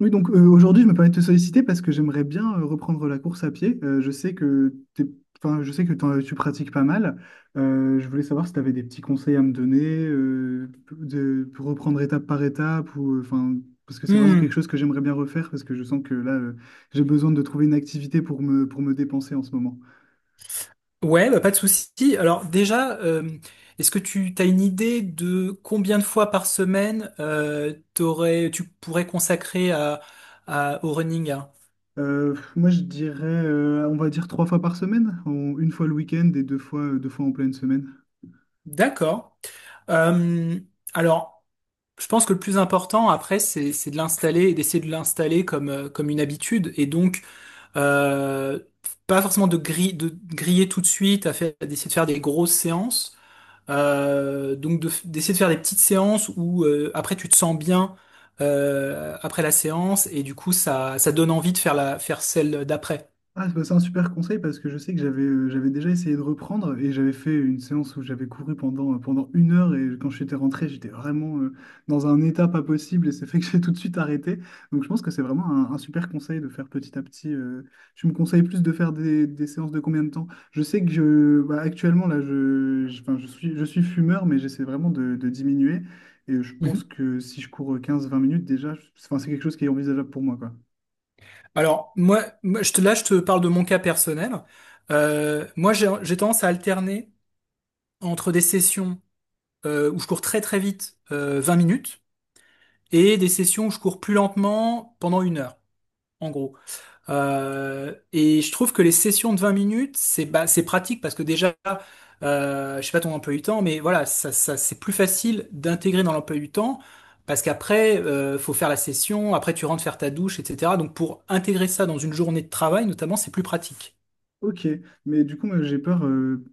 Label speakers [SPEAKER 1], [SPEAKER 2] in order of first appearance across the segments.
[SPEAKER 1] Oui, donc aujourd'hui, je me permets de te solliciter parce que j'aimerais bien reprendre la course à pied. Je sais que enfin, je sais que tu pratiques pas mal. Je voulais savoir si tu avais des petits conseils à me donner pour reprendre étape par étape ou enfin parce que c'est vraiment quelque
[SPEAKER 2] Hmm.
[SPEAKER 1] chose que j'aimerais bien refaire parce que je sens que là j'ai besoin de trouver une activité pour me dépenser en ce moment.
[SPEAKER 2] Ouais, bah, pas de souci. Alors déjà, est-ce que tu as une idée de combien de fois par semaine tu pourrais consacrer au running, hein?
[SPEAKER 1] Moi, je dirais on va dire trois fois par semaine, une fois le week-end et deux fois en pleine semaine.
[SPEAKER 2] D'accord. Euh, alors, je pense que le plus important après, c'est de l'installer et d'essayer de l'installer comme, comme une habitude. Et donc, euh, pas forcément de griller tout de suite, d'essayer de faire des grosses séances. Donc de d'essayer de faire des petites séances où après tu te sens bien après la séance, et du coup ça donne envie de faire la faire celle d'après.
[SPEAKER 1] Ah, bah, c'est un super conseil parce que je sais que j'avais déjà essayé de reprendre et j'avais fait une séance où j'avais couru pendant 1 heure et quand j'étais rentré, j'étais vraiment dans un état pas possible et c'est fait que j'ai tout de suite arrêté. Donc je pense que c'est vraiment un super conseil de faire petit à petit. Tu me conseilles plus de faire des séances de combien de temps? Je sais que bah, actuellement, là, enfin, je suis fumeur, mais j'essaie vraiment de diminuer et je pense
[SPEAKER 2] Mhm.
[SPEAKER 1] que si je cours 15-20 minutes déjà, enfin, c'est quelque chose qui est envisageable pour moi.
[SPEAKER 2] Alors moi, je te là je te parle de mon cas personnel. Moi j'ai tendance à alterner entre des sessions où je cours très très vite, 20 minutes, et des sessions où je cours plus lentement pendant une heure, en gros. Et je trouve que les sessions de 20 minutes, c'est bah, c'est pratique parce que déjà, je sais pas ton emploi du temps, mais voilà, c'est plus facile d'intégrer dans l'emploi du temps parce qu'après, faut faire la session, après tu rentres faire ta douche, etc. Donc pour intégrer ça dans une journée de travail, notamment, c'est plus pratique.
[SPEAKER 1] Ok, mais du coup, moi, j'ai peur,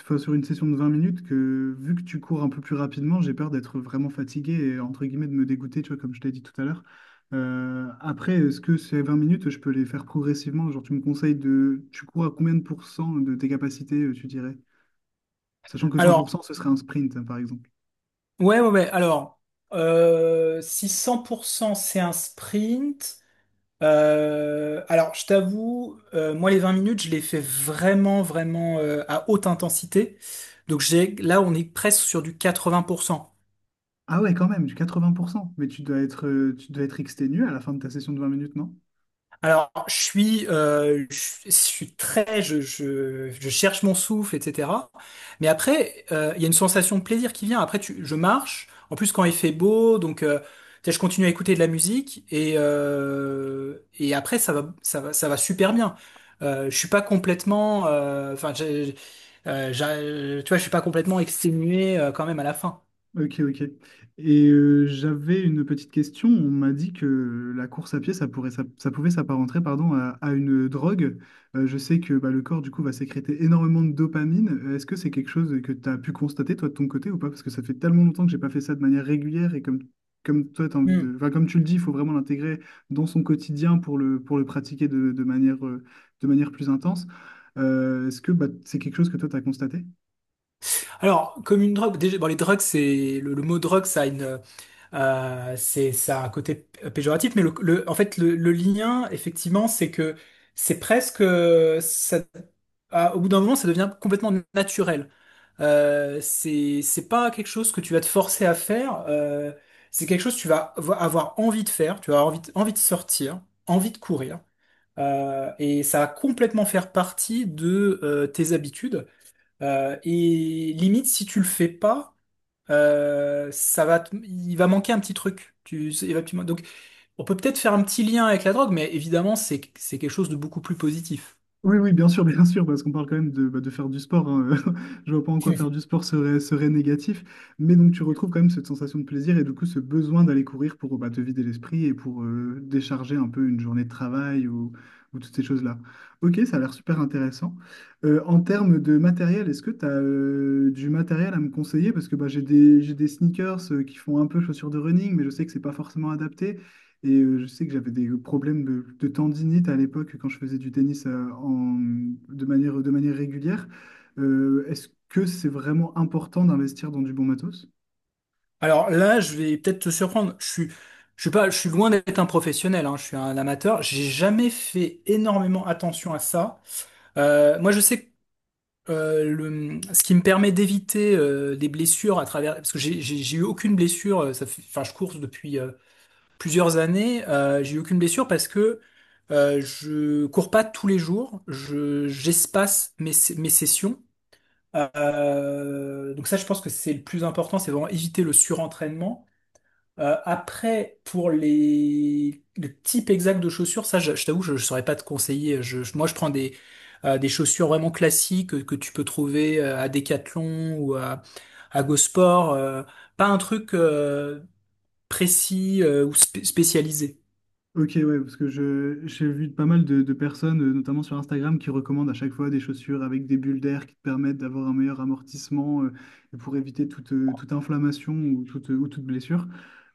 [SPEAKER 1] enfin, sur une session de 20 minutes, que vu que tu cours un peu plus rapidement, j'ai peur d'être vraiment fatigué et entre guillemets de me dégoûter, tu vois, comme je t'ai dit tout à l'heure. Après, est-ce que ces 20 minutes, je peux les faire progressivement? Genre, tu me conseilles de... Tu cours à combien de pourcents de tes capacités, tu dirais? Sachant que
[SPEAKER 2] Alors,
[SPEAKER 1] 100%, ce serait un sprint, hein, par exemple.
[SPEAKER 2] ouais. Alors, si 100% c'est un sprint. Alors, je t'avoue, moi, les 20 minutes, je les fais vraiment à haute intensité. Donc, là, on est presque sur du 80%.
[SPEAKER 1] Ah ouais, quand même, du 80%. Mais tu dois être exténué à la fin de ta session de 20 minutes, non?
[SPEAKER 2] Alors, je suis très, je cherche mon souffle, etc. Mais après, il y a une sensation de plaisir qui vient. Après, je marche. En plus, quand il fait beau, donc, tu sais, je continue à écouter de la musique et après, ça va super bien. Je suis pas complètement, enfin, tu vois, je suis pas complètement exténué quand même à la fin.
[SPEAKER 1] Ok, ok. Et j'avais une petite question. On m'a dit que la course à pied, ça pouvait s'apparenter, pardon, à une drogue. Je sais que bah, le corps, du coup, va sécréter énormément de dopamine. Est-ce que c'est quelque chose que tu as pu constater, toi, de ton côté, ou pas? Parce que ça fait tellement longtemps que j'ai pas fait ça de manière régulière et comme toi, t'as envie
[SPEAKER 2] Hmm.
[SPEAKER 1] de... Enfin, comme tu le dis, il faut vraiment l'intégrer dans son quotidien pour le pratiquer de manière plus intense. Est-ce que bah, c'est quelque chose que toi, tu as constaté?
[SPEAKER 2] Alors, comme une drogue, déjà, bon, les drogues, le mot drogue, ça a une... C'est ça a un côté péjoratif, mais en fait le lien, effectivement, c'est que c'est presque au bout d'un moment, ça devient complètement naturel. C'est pas quelque chose que tu vas te forcer à faire. C'est quelque chose que tu vas avoir envie de faire. Tu vas avoir envie de sortir, envie de courir. Et ça va complètement faire partie de tes habitudes. Et limite, si tu le fais pas, ça va, il va manquer un petit truc. Tu, il va- tu- Donc, on peut peut-être faire un petit lien avec la drogue, mais évidemment, c'est quelque chose de beaucoup plus positif.
[SPEAKER 1] Oui, oui, bien sûr, parce qu'on parle quand même bah, de faire du sport, hein. Je vois pas en quoi faire du sport serait négatif. Mais donc, tu retrouves quand même cette sensation de plaisir et du coup, ce besoin d'aller courir pour bah, te vider l'esprit et pour décharger un peu une journée de travail ou toutes ces choses-là. Ok, ça a l'air super intéressant. En termes de matériel, est-ce que tu as du matériel à me conseiller? Parce que bah, j'ai des sneakers qui font un peu chaussures de running, mais je sais que c'est pas forcément adapté. Et je sais que j'avais des problèmes de tendinite à l'époque quand je faisais du tennis de manière régulière. Est-ce que c'est vraiment important d'investir dans du bon matos?
[SPEAKER 2] Alors là, je vais peut-être te surprendre. Je suis pas, je suis loin d'être un professionnel, hein. Je suis un amateur. J'ai jamais fait énormément attention à ça. Moi, je sais que ce qui me permet d'éviter des blessures à travers, parce que j'ai eu aucune blessure. Ça fait, enfin, je cours depuis plusieurs années, j'ai eu aucune blessure parce que je cours pas tous les jours, je j'espace mes sessions. Donc ça, je pense que c'est le plus important, c'est vraiment éviter le surentraînement. Après, pour les le type exact de chaussures, ça, je t'avoue, je saurais pas te conseiller. Moi, je prends des chaussures vraiment classiques que tu peux trouver à Decathlon ou à Go Sport. Pas un truc précis spécialisé.
[SPEAKER 1] Ok, ouais, parce que j'ai vu pas mal de personnes, notamment sur Instagram, qui recommandent à chaque fois des chaussures avec des bulles d'air qui te permettent d'avoir un meilleur amortissement et pour éviter toute inflammation ou toute blessure.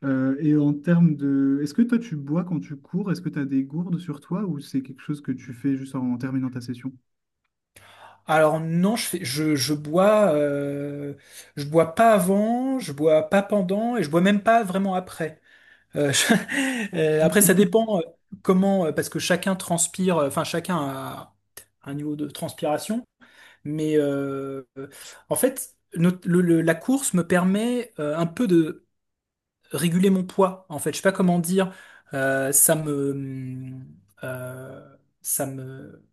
[SPEAKER 1] Et en termes de... Est-ce que toi, tu bois quand tu cours? Est-ce que tu as des gourdes sur toi ou c'est quelque chose que tu fais juste en terminant ta session?
[SPEAKER 2] Alors non, je bois pas avant, je bois pas pendant et je bois même pas vraiment après. Après, ça dépend comment, parce que chacun transpire, enfin chacun a un niveau de transpiration, mais en fait, la course me permet un peu de réguler mon poids, en fait. Je sais pas comment dire. Euh, ça me, ça me,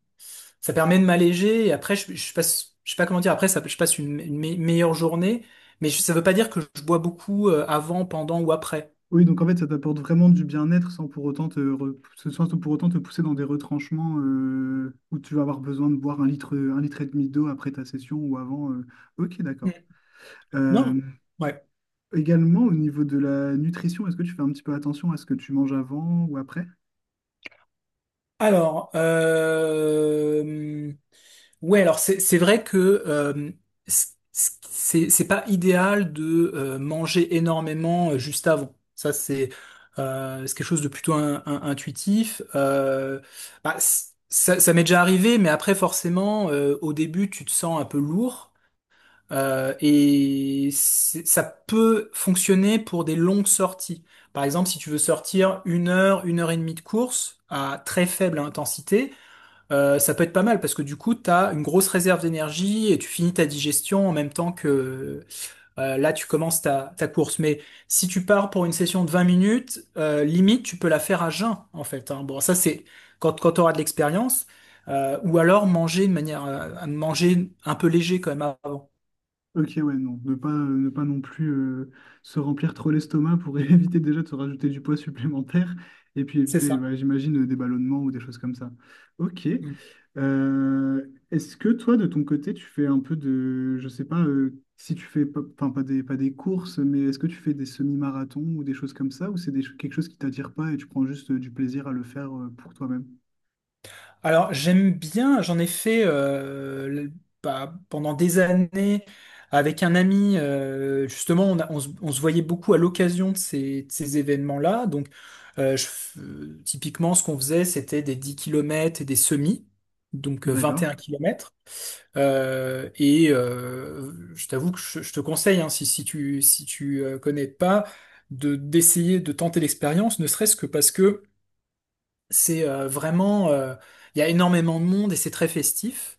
[SPEAKER 2] ça permet de m'alléger. Et après, je passe, je sais pas comment dire. Après, ça, je passe une meilleure journée. Mais ça veut pas dire que je bois beaucoup avant, pendant ou après.
[SPEAKER 1] Oui, donc en fait, ça t'apporte vraiment du bien-être sans pour autant te, re- ce- sans pour autant te pousser dans des retranchements où tu vas avoir besoin de boire 1 litre, un litre et demi d'eau après ta session ou avant. Ok,
[SPEAKER 2] Mm.
[SPEAKER 1] d'accord.
[SPEAKER 2] Non.
[SPEAKER 1] Euh,
[SPEAKER 2] Ouais.
[SPEAKER 1] Également, au niveau de la nutrition, est-ce que tu fais un petit peu attention à ce que tu manges avant ou après?
[SPEAKER 2] Alors, ouais, alors c'est vrai que euh, c- c'est pas idéal de manger énormément juste avant. Ça c'est quelque chose de plutôt intuitif. Bah, ça m'est déjà arrivé, mais après forcément au début tu te sens un peu lourd, et ça peut fonctionner pour des longues sorties. Par exemple, si tu veux sortir une heure et demie de course à très faible intensité. Ça peut être pas mal parce que du coup, tu as une grosse réserve d'énergie et tu finis ta digestion en même temps que là, tu commences ta course. Mais si tu pars pour une session de 20 minutes, limite, tu peux la faire à jeun, en fait, hein. Bon, ça, c'est quand tu auras de l'expérience. Ou alors manger de manière, à manger un peu léger quand même avant.
[SPEAKER 1] Ok, ouais, non. Ne pas non plus se remplir trop l'estomac pour éviter déjà de se rajouter du poids supplémentaire et puis
[SPEAKER 2] C'est
[SPEAKER 1] éviter,
[SPEAKER 2] ça.
[SPEAKER 1] ouais, j'imagine, des ballonnements ou des choses comme ça. Ok.
[SPEAKER 2] Mm.
[SPEAKER 1] Euh, Est-ce que toi, de ton côté, tu fais un peu de, je sais pas, si tu fais, enfin, pas des courses, mais est-ce que tu fais des semi-marathons ou des choses comme ça ou quelque chose qui t'attire pas et tu prends juste du plaisir à le faire pour toi-même?
[SPEAKER 2] Alors, j'aime bien, j'en ai fait bah, pendant des années avec un ami. Justement, on se voyait beaucoup à l'occasion de ces événements-là. Donc, typiquement, ce qu'on faisait, c'était des 10 kilomètres et des semis, donc 21
[SPEAKER 1] D'accord.
[SPEAKER 2] km. Je t'avoue que je te conseille, hein, si tu connais pas, de d'essayer de tenter l'expérience, ne serait-ce que parce que c'est il y a énormément de monde et c'est très festif.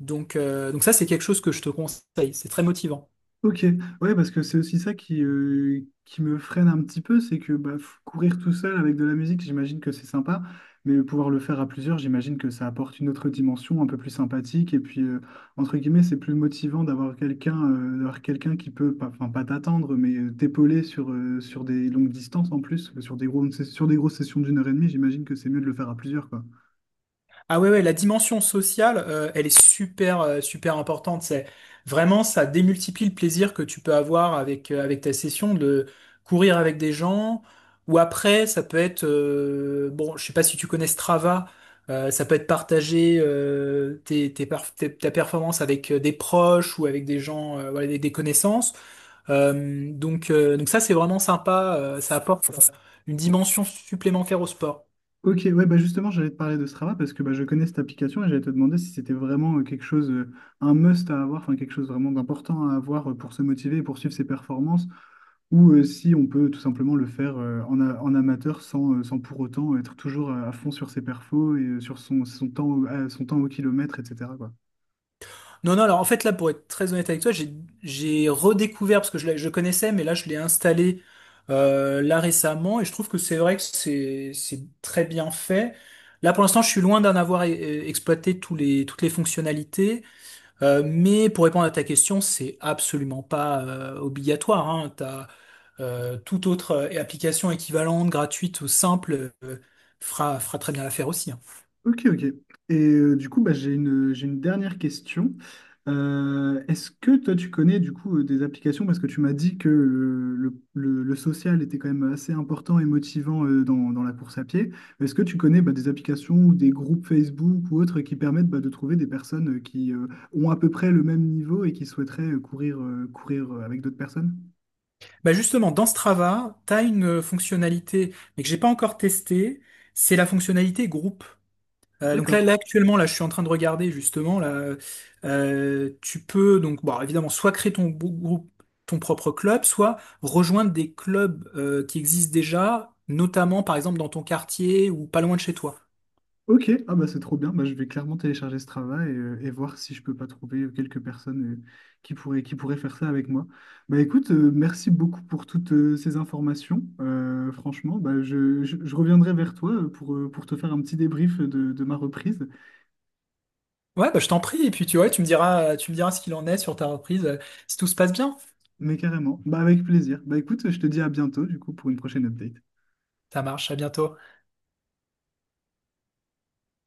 [SPEAKER 2] Donc, ça, c'est quelque chose que je te conseille. C'est très motivant.
[SPEAKER 1] Ok, ouais, parce que c'est aussi ça qui me freine un petit peu, c'est que bah, courir tout seul avec de la musique, j'imagine que c'est sympa, mais pouvoir le faire à plusieurs, j'imagine que ça apporte une autre dimension un peu plus sympathique, et puis, entre guillemets, c'est plus motivant d'avoir quelqu'un qui peut, pas, enfin, pas t'attendre, mais t'épauler sur des longues distances en plus, sur des grosses sessions d'1 h 30, j'imagine que c'est mieux de le faire à plusieurs, quoi.
[SPEAKER 2] Ah la dimension sociale, elle est super importante. C'est vraiment, ça démultiplie le plaisir que tu peux avoir avec, avec ta session de courir avec des gens. Ou après, ça peut être, bon, je sais pas si tu connais Strava, ça peut être partager ta performance avec des proches ou avec des gens, voilà, des connaissances. Ça, c'est vraiment sympa. Ça apporte une dimension supplémentaire au sport.
[SPEAKER 1] Ok, ouais, bah justement, j'allais te parler de Strava parce que bah, je connais cette application et j'allais te demander si c'était vraiment un must à avoir, enfin quelque chose vraiment d'important à avoir pour se motiver et poursuivre ses performances, ou si on peut tout simplement le faire en amateur sans pour autant être toujours à fond sur ses perfos et sur son temps, son temps au kilomètre, etc. quoi.
[SPEAKER 2] Non, non, alors en fait, là, pour être très honnête avec toi, j'ai redécouvert, parce que je connaissais, mais là, je l'ai installé là récemment, et je trouve que c'est vrai que c'est très bien fait. Là, pour l'instant, je suis loin d'en avoir exploité toutes les fonctionnalités, mais pour répondre à ta question, c'est absolument pas obligatoire, hein. T'as, toute autre application équivalente, gratuite ou simple, fera très bien l'affaire aussi, hein.
[SPEAKER 1] Ok, ok. Et du coup, bah, j'ai une dernière question. Est-ce que toi, tu connais du coup des applications, parce que tu m'as dit que le social était quand même assez important et motivant dans la course à pied. Est-ce que tu connais bah, des applications ou des groupes Facebook ou autres qui permettent bah, de trouver des personnes qui ont à peu près le même niveau et qui souhaiteraient courir avec d'autres personnes?
[SPEAKER 2] Bah justement, dans Strava, tu as une fonctionnalité, mais que j'ai pas encore testée, c'est la fonctionnalité groupe. Donc
[SPEAKER 1] D'accord.
[SPEAKER 2] là actuellement, là je suis en train de regarder justement là, tu peux donc bon évidemment soit créer groupe, ton propre club, soit rejoindre des clubs qui existent déjà, notamment par exemple dans ton quartier ou pas loin de chez toi.
[SPEAKER 1] Ok, ah bah c'est trop bien. Bah, je vais clairement télécharger ce travail et voir si je peux pas trouver quelques personnes qui pourraient faire ça avec moi. Bah écoute, merci beaucoup pour toutes ces informations. Franchement, bah, je reviendrai vers toi pour te faire un petit débrief de ma reprise.
[SPEAKER 2] Ouais, bah je t'en prie, et puis tu vois, tu me diras ce qu'il en est sur ta reprise, si tout se passe bien.
[SPEAKER 1] Mais carrément, bah avec plaisir. Bah écoute, je te dis à bientôt du coup pour une prochaine update.
[SPEAKER 2] Ça marche, à bientôt.